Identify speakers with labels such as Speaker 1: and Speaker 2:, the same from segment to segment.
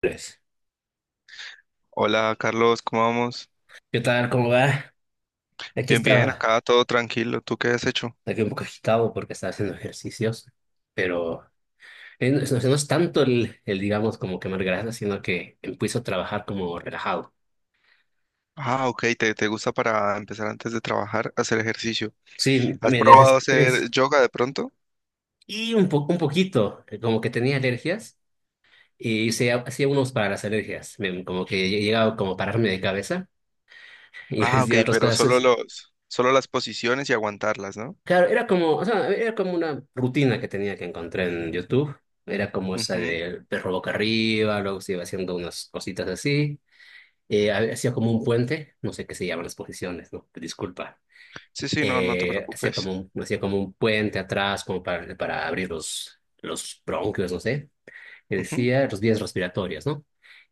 Speaker 1: Pues,
Speaker 2: Hola Carlos, ¿cómo vamos?
Speaker 1: ¿qué tal? ¿Cómo va? Aquí
Speaker 2: Bien, bien,
Speaker 1: estaba,
Speaker 2: acá todo tranquilo. ¿Tú qué has hecho?
Speaker 1: aquí un poco agitado porque estaba haciendo ejercicios, pero no, es no es tanto digamos, como quemar grasa, sino que empiezo a trabajar como relajado.
Speaker 2: Ah, ok, te gusta para empezar antes de trabajar, hacer ejercicio.
Speaker 1: Sí,
Speaker 2: ¿Has
Speaker 1: me
Speaker 2: probado hacer
Speaker 1: desestrés
Speaker 2: yoga de pronto?
Speaker 1: y un poco, un poquito, como que tenía alergias y hacía unos para las alergias. Como que llegaba como a pararme de cabeza y
Speaker 2: Ah, ok,
Speaker 1: hacía otras
Speaker 2: pero
Speaker 1: cosas.
Speaker 2: solo las posiciones y aguantarlas, ¿no?
Speaker 1: Claro, era como, o sea, era como una rutina que tenía que encontrar en YouTube. Era como esa
Speaker 2: Ujú.
Speaker 1: del perro boca arriba, luego se iba haciendo unas cositas así. Hacía como un puente, no sé qué se llaman las posiciones, ¿no? Disculpa.
Speaker 2: Sí, sí, no, no te
Speaker 1: Hacía
Speaker 2: preocupes.
Speaker 1: como hacía como un puente atrás, como para abrir los bronquios, no sé. Que
Speaker 2: Ujú.
Speaker 1: decía los vías respiratorias, ¿no?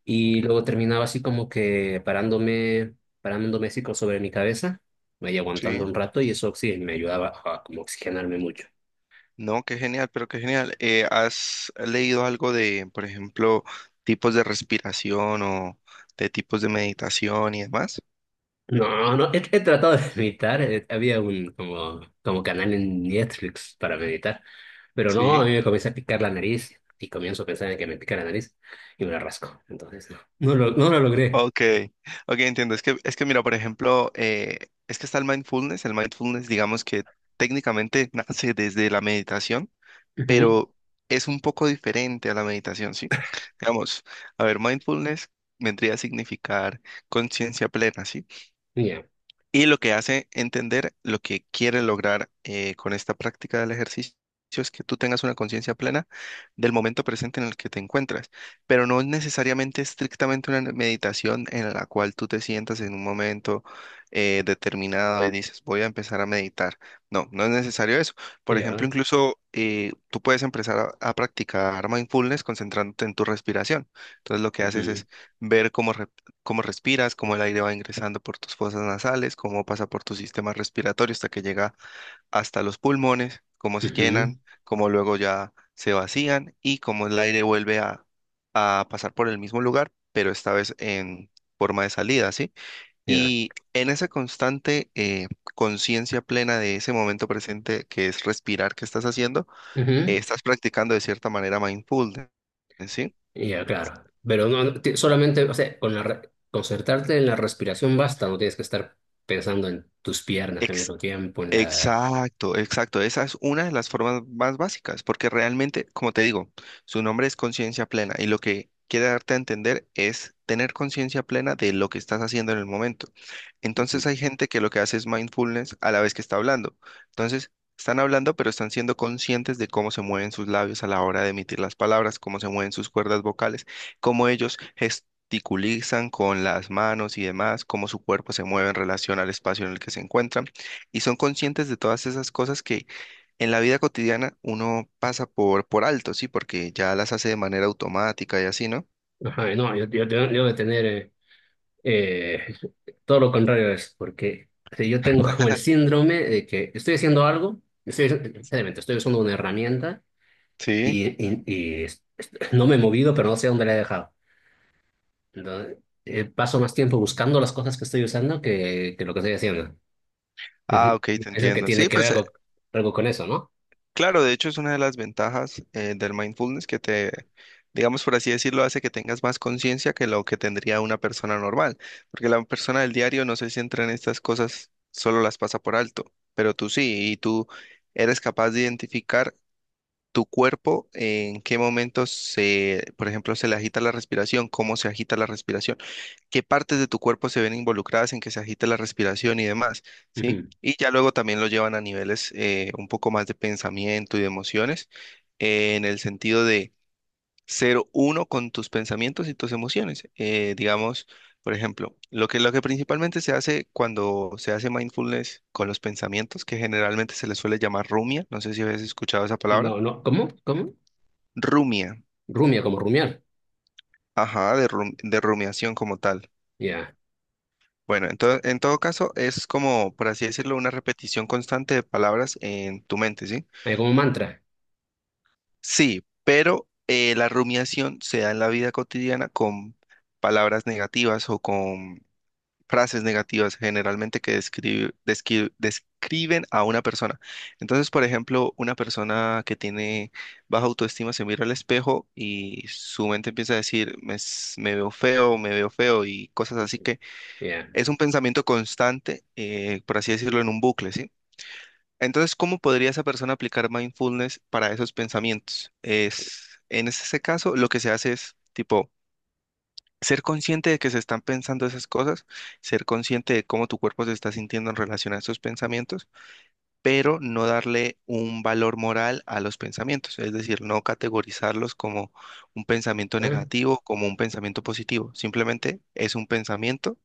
Speaker 1: Y luego terminaba así como que parándome, parándome así como sobre mi cabeza, me iba
Speaker 2: Sí.
Speaker 1: aguantando un rato y eso sí me ayudaba a como oxigenarme mucho.
Speaker 2: No, qué genial, pero qué genial. ¿Has leído algo de, por ejemplo, tipos de respiración o de tipos de meditación y demás?
Speaker 1: No, no, he tratado de meditar. Había un como, como canal en Netflix para meditar, pero no, a
Speaker 2: Sí.
Speaker 1: mí me comienza a picar la nariz y comienzo a pensar en que me pica la nariz y me la rasco. Entonces, no, no lo logré.
Speaker 2: Ok, ok, entiendo. Es que mira, por ejemplo, es que está el mindfulness. El mindfulness, digamos que técnicamente nace desde la meditación,
Speaker 1: Ujú,
Speaker 2: pero es un poco diferente a la meditación, ¿sí? Digamos, a ver, mindfulness vendría a significar conciencia plena, ¿sí?
Speaker 1: ya,
Speaker 2: Y lo que hace entender lo que quiere lograr con esta práctica del ejercicio es que tú tengas una conciencia plena del momento presente en el que te encuentras, pero no es necesariamente estrictamente una meditación en la cual tú te sientas en un momento determinado y dices, voy a empezar a meditar. No, no es necesario eso. Por ejemplo,
Speaker 1: ya,
Speaker 2: incluso tú puedes empezar a practicar mindfulness concentrándote en tu respiración. Entonces lo que haces
Speaker 1: ujú,
Speaker 2: es ver cómo respiras, cómo el aire va ingresando por tus fosas nasales, cómo pasa por tu sistema respiratorio hasta que llega hasta los pulmones, cómo se
Speaker 1: ujú,
Speaker 2: llenan, cómo luego ya se vacían y cómo el aire vuelve a pasar por el mismo lugar, pero esta vez en forma de salida, ¿sí?
Speaker 1: ya,
Speaker 2: Y en esa constante conciencia plena de ese momento presente que es respirar que estás haciendo,
Speaker 1: ujú,
Speaker 2: estás practicando de cierta manera mindfulness, ¿sí?
Speaker 1: ya, claro. Pero no, solamente, o sea, con concentrarte en la respiración basta, no tienes que estar pensando en tus piernas al
Speaker 2: Ex-
Speaker 1: mismo tiempo, en la...
Speaker 2: Exacto, exacto. Esa es una de las formas más básicas, porque realmente, como te digo, su nombre es conciencia plena y lo que quiere darte a entender es tener conciencia plena de lo que estás haciendo en el momento.
Speaker 1: Ujú.
Speaker 2: Entonces hay gente que lo que hace es mindfulness a la vez que está hablando. Entonces, están hablando, pero están siendo conscientes de cómo se mueven sus labios a la hora de emitir las palabras, cómo se mueven sus cuerdas vocales, cómo ellos gesticulizan con las manos y demás, cómo su cuerpo se mueve en relación al espacio en el que se encuentran y son conscientes de todas esas cosas que en la vida cotidiana uno pasa por alto, ¿sí? Porque ya las hace de manera automática y así, ¿no?
Speaker 1: Ajá, no, yo debo de tener... Eh, todo lo contrario es porque o sea, yo tengo como el síndrome de que estoy haciendo algo, estoy, realmente estoy usando una herramienta
Speaker 2: Sí.
Speaker 1: y no me he movido, pero no sé dónde la he dejado. Entonces, paso más tiempo buscando las cosas que estoy usando que lo que estoy haciendo.
Speaker 2: Ah,
Speaker 1: Ujú.
Speaker 2: ok, te
Speaker 1: Eso que
Speaker 2: entiendo.
Speaker 1: tiene
Speaker 2: Sí,
Speaker 1: que ver
Speaker 2: pues
Speaker 1: algo, algo con eso, ¿no?
Speaker 2: claro, de hecho es una de las ventajas del mindfulness que te, digamos por así decirlo, hace que tengas más conciencia que lo que tendría una persona normal, porque la persona del diario no se centra en estas cosas, solo las pasa por alto, pero tú sí, y tú eres capaz de identificar tu cuerpo, en qué momentos se, por ejemplo, se le agita la respiración, cómo se agita la respiración, qué partes de tu cuerpo se ven involucradas en que se agite la respiración y demás, ¿sí?
Speaker 1: Ujú.
Speaker 2: Y ya luego también lo llevan a niveles un poco más de pensamiento y de emociones, en el sentido de ser uno con tus pensamientos y tus emociones. Digamos, por ejemplo, lo que principalmente se hace cuando se hace mindfulness con los pensamientos, que generalmente se les suele llamar rumia, no sé si habéis escuchado esa palabra.
Speaker 1: No, no, ¿cómo? ¿Cómo?
Speaker 2: Rumia.
Speaker 1: Rumia, como rumiar.
Speaker 2: Ajá, de rumiación como tal.
Speaker 1: Ya.
Speaker 2: Bueno, entonces, en todo caso, es como, por así decirlo, una repetición constante de palabras en tu mente, ¿sí?
Speaker 1: Como mantra.
Speaker 2: Sí, pero la rumiación se da en la vida cotidiana con palabras negativas o con frases negativas generalmente que describen a una persona. Entonces, por ejemplo, una persona que tiene baja autoestima se mira al espejo y su mente empieza a decir, me, me veo feo y cosas así que
Speaker 1: Ya.
Speaker 2: es un pensamiento constante, por así decirlo, en un bucle, ¿sí? Entonces, ¿cómo podría esa persona aplicar mindfulness para esos pensamientos? Es, en ese caso, lo que se hace es, tipo, ser consciente de que se están pensando esas cosas, ser consciente de cómo tu cuerpo se está sintiendo en relación a esos pensamientos, pero no darle un valor moral a los pensamientos, es decir, no categorizarlos como un pensamiento
Speaker 1: Ah,
Speaker 2: negativo, como un pensamiento positivo, simplemente es un pensamiento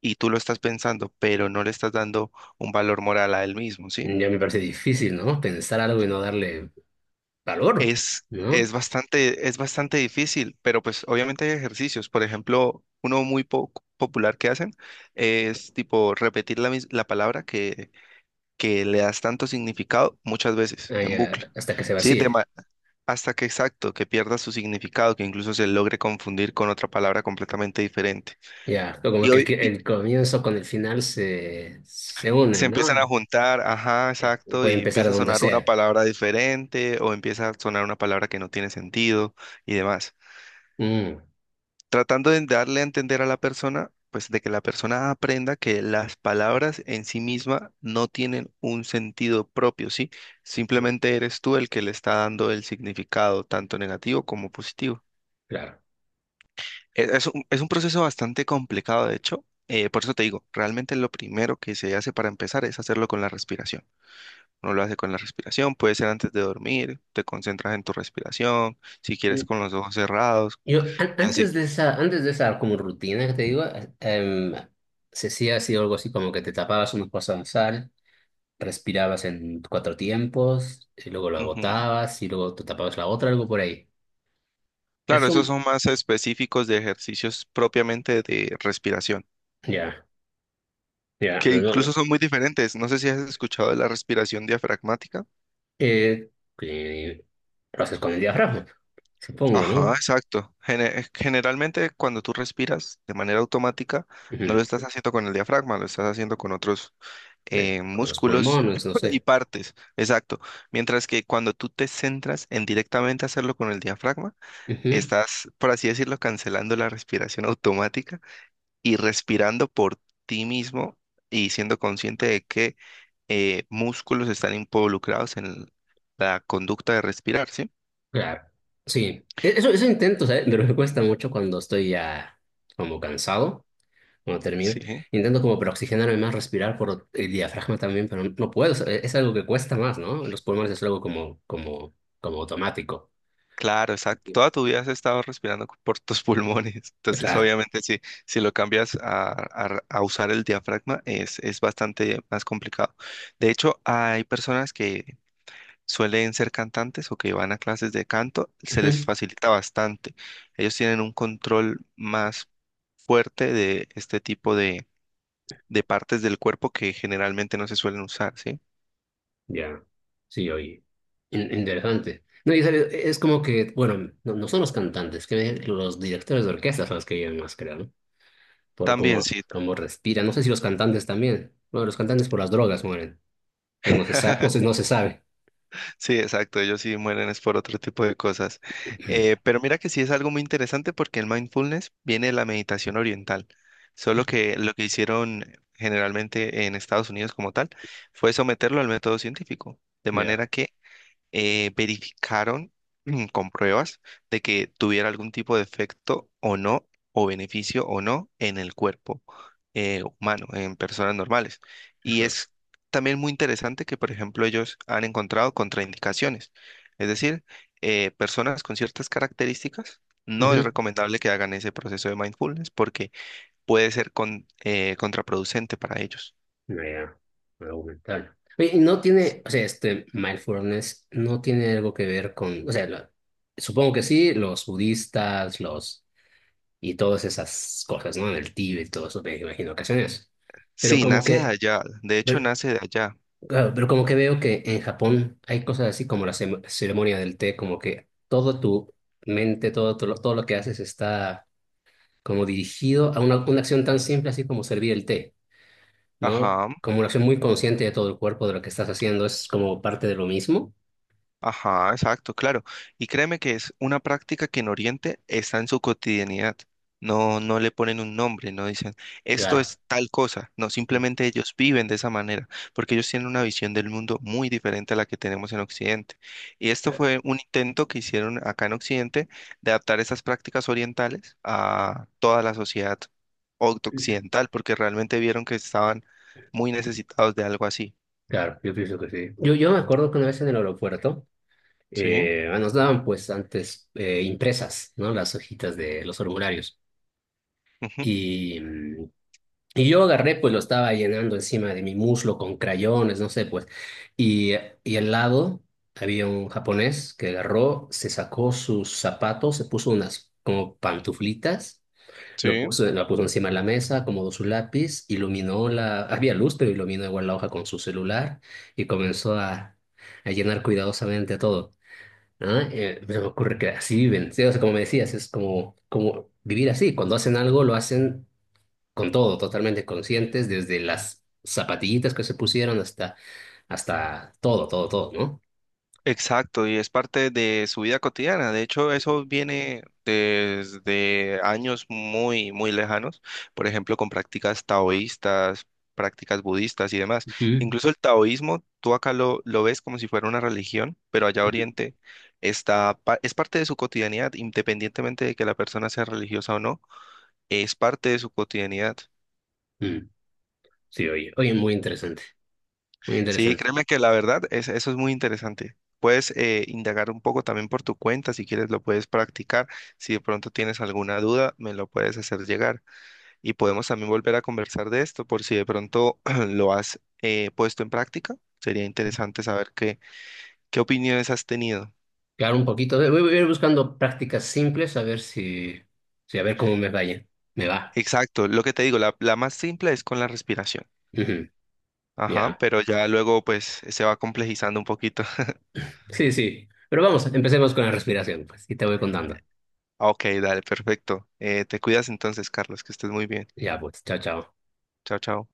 Speaker 2: y tú lo estás pensando, pero no le estás dando un valor moral a él mismo, ¿sí?
Speaker 1: ya me parece difícil, ¿no? Pensar algo y no darle valor, ¿no?
Speaker 2: Es bastante difícil, pero pues obviamente hay ejercicios. Por ejemplo, uno muy popular que hacen es tipo repetir la palabra que le das tanto significado muchas veces
Speaker 1: Ah,
Speaker 2: en
Speaker 1: ya,
Speaker 2: bucle,
Speaker 1: hasta que se
Speaker 2: ¿sí?
Speaker 1: vacíe.
Speaker 2: Hasta que exacto, que pierda su significado, que incluso se logre confundir con otra palabra completamente diferente.
Speaker 1: Ya, como
Speaker 2: Y
Speaker 1: que
Speaker 2: hoy y
Speaker 1: el comienzo con el final se
Speaker 2: se
Speaker 1: unen,
Speaker 2: empiezan a
Speaker 1: ¿no?
Speaker 2: juntar, ajá,
Speaker 1: Y
Speaker 2: exacto,
Speaker 1: puede
Speaker 2: y
Speaker 1: empezar
Speaker 2: empieza a
Speaker 1: donde
Speaker 2: sonar una
Speaker 1: sea.
Speaker 2: palabra diferente o empieza a sonar una palabra que no tiene sentido y demás.
Speaker 1: Mm,
Speaker 2: Tratando de darle a entender a la persona, pues de que la persona aprenda que las palabras en sí misma no tienen un sentido propio, ¿sí? Simplemente eres tú el que le está dando el significado, tanto negativo como positivo.
Speaker 1: claro.
Speaker 2: Es un proceso bastante complicado, de hecho. Por eso te digo, realmente lo primero que se hace para empezar es hacerlo con la respiración. Uno lo hace con la respiración, puede ser antes de dormir, te concentras en tu respiración, si quieres
Speaker 1: Mm,
Speaker 2: con los ojos cerrados
Speaker 1: yo,
Speaker 2: y así.
Speaker 1: antes de esa como rutina que te digo, em, se hacía así algo así como que te tapabas unos cosas de sal, respirabas en cuatro tiempos, y luego lo
Speaker 2: Ujú.
Speaker 1: agotabas, y luego te tapabas la otra, algo por ahí.
Speaker 2: Claro,
Speaker 1: Eso,
Speaker 2: esos son más específicos de ejercicios propiamente de respiración,
Speaker 1: ya, ya,
Speaker 2: que
Speaker 1: pero no.
Speaker 2: incluso son muy diferentes. No sé si has escuchado de la respiración diafragmática.
Speaker 1: Eh, eh, lo haces con el diafragma, supongo,
Speaker 2: Ajá,
Speaker 1: ¿no?
Speaker 2: exacto. Generalmente cuando tú respiras de manera automática, no
Speaker 1: Ujú,
Speaker 2: lo estás haciendo con el diafragma, lo estás haciendo con otros
Speaker 1: sí, con los
Speaker 2: músculos
Speaker 1: pulmones, no
Speaker 2: y
Speaker 1: sé.
Speaker 2: partes. Exacto. Mientras que cuando tú te centras en directamente hacerlo con el diafragma,
Speaker 1: Ujú,
Speaker 2: estás, por así decirlo, cancelando la respiración automática y respirando por ti mismo y siendo consciente de qué músculos están involucrados en la conducta de respirar, ¿sí?
Speaker 1: claro, sí. Eso, eso intento, ¿sabes? Pero me cuesta mucho cuando estoy ya como cansado, cuando termino.
Speaker 2: Sí,
Speaker 1: Intento como para oxigenarme más, respirar por el diafragma también, pero no puedo. O sea, es algo que cuesta más, ¿no? Los pulmones es algo como, como, como automático.
Speaker 2: claro, exacto.
Speaker 1: Sí.
Speaker 2: Toda tu vida has estado respirando por tus pulmones. Entonces,
Speaker 1: Claro.
Speaker 2: obviamente, si lo cambias a usar el diafragma, es bastante más complicado. De hecho, hay personas que suelen ser cantantes o que van a clases de canto, se les
Speaker 1: Ujú.
Speaker 2: facilita bastante. Ellos tienen un control más fuerte de este tipo de partes del cuerpo que generalmente no se suelen usar, ¿sí?
Speaker 1: Ya, sí, oye, interesante. No, es como que, bueno, no, no son los cantantes, que los directores de orquesta son los que llevan más, creo, ¿no? Por
Speaker 2: También
Speaker 1: cómo,
Speaker 2: sí,
Speaker 1: cómo respiran. No sé si los cantantes también. Bueno, los cantantes por las drogas mueren. No, no se sabe, no se sabe.
Speaker 2: sí, exacto, ellos sí mueren es por otro tipo de cosas. Pero mira que sí es algo muy interesante porque el mindfulness viene de la meditación oriental, solo que lo que hicieron generalmente en Estados Unidos como tal fue someterlo al método científico, de manera
Speaker 1: Ya.
Speaker 2: que verificaron con pruebas de que tuviera algún tipo de efecto o no, o beneficio o no en el cuerpo humano, en personas normales. Y
Speaker 1: Ajá.
Speaker 2: es también muy interesante que, por ejemplo, ellos han encontrado contraindicaciones. Es decir, personas con ciertas características, no es
Speaker 1: Ujú.
Speaker 2: recomendable que hagan ese proceso de mindfulness porque puede ser contraproducente para ellos.
Speaker 1: No, ya, argumental. Oye, y no tiene, o sea, este mindfulness no tiene algo que ver con, o sea, supongo que sí, los budistas, los y todas esas cosas, ¿no? En el Tíbet, todo eso me imagino ocasiones. Pero
Speaker 2: Sí,
Speaker 1: como
Speaker 2: nace de
Speaker 1: que,
Speaker 2: allá. De hecho,
Speaker 1: pero,
Speaker 2: nace de allá.
Speaker 1: claro, pero como que veo que en Japón hay cosas así como la ceremonia del té, como que todo tu mente, todo, todo lo que haces está como dirigido a una acción tan simple así como servir el té, ¿no?
Speaker 2: Ajá.
Speaker 1: Como una acción muy consciente de todo el cuerpo, de lo que estás haciendo, es como parte de lo mismo.
Speaker 2: Ajá, exacto, claro. Y créeme que es una práctica que en Oriente está en su cotidianidad. No, no le ponen un nombre, no dicen esto
Speaker 1: Claro,
Speaker 2: es tal cosa. No, simplemente ellos viven de esa manera, porque ellos tienen una visión del mundo muy diferente a la que tenemos en Occidente. Y esto
Speaker 1: claro,
Speaker 2: fue un intento que hicieron acá en Occidente de adaptar esas prácticas orientales a toda la sociedad occidental, porque realmente vieron que estaban muy necesitados de algo así.
Speaker 1: claro, yo pienso que sí. Yo me acuerdo que una vez en el aeropuerto,
Speaker 2: Sí,
Speaker 1: ah, nos daban pues antes impresas, ¿no? Las hojitas de los formularios.
Speaker 2: ujú,
Speaker 1: Y, mm, y yo agarré, pues lo estaba llenando encima de mi muslo con crayones, no sé, pues. Y, y al lado había un japonés que agarró, se sacó sus zapatos, se puso unas como pantuflitas. Lo
Speaker 2: sí.
Speaker 1: puso, la puso encima de la mesa, acomodó su lápiz, iluminó la... Había luz, pero iluminó igual la hoja con su celular y comenzó a llenar cuidadosamente todo. ¿No? Se me ocurre que así viven, sí, o sea, como me decías, es como, como vivir así, cuando hacen algo lo hacen con todo, totalmente conscientes, desde las zapatillitas que se pusieron hasta, hasta todo, todo, todo, ¿no?
Speaker 2: Exacto, y es parte de su vida cotidiana. De hecho, eso viene desde años muy, muy lejanos, por ejemplo, con prácticas taoístas, prácticas budistas y demás.
Speaker 1: Ujú,
Speaker 2: Incluso el taoísmo, tú acá lo ves como si fuera una religión, pero allá
Speaker 1: ujú.
Speaker 2: Oriente está, es parte de su cotidianidad, independientemente de que la persona sea religiosa o no, es parte de su cotidianidad.
Speaker 1: Mm, sí, oye, oye, muy interesante, muy
Speaker 2: Sí,
Speaker 1: interesante.
Speaker 2: créeme que la verdad es, eso es muy interesante. Puedes indagar un poco también por tu cuenta, si quieres lo puedes practicar. Si de pronto tienes alguna duda, me lo puedes hacer llegar. Y podemos también volver a conversar de esto por si de pronto lo has puesto en práctica. Sería interesante saber qué opiniones has tenido.
Speaker 1: Claro, un poquito, voy, voy a ir buscando prácticas simples a ver si, si a ver cómo me vaya, me va.
Speaker 2: Exacto, lo que te digo, la más simple es con la respiración.
Speaker 1: Ujú,
Speaker 2: Ajá,
Speaker 1: ya,
Speaker 2: pero ya luego pues se va complejizando un poquito.
Speaker 1: sí, sí, pero vamos, empecemos con la respiración, pues, y te voy contando.
Speaker 2: Ok, dale, perfecto. Te cuidas entonces, Carlos, que estés muy bien.
Speaker 1: Ya, pues, chao, chao.
Speaker 2: Chao, chao.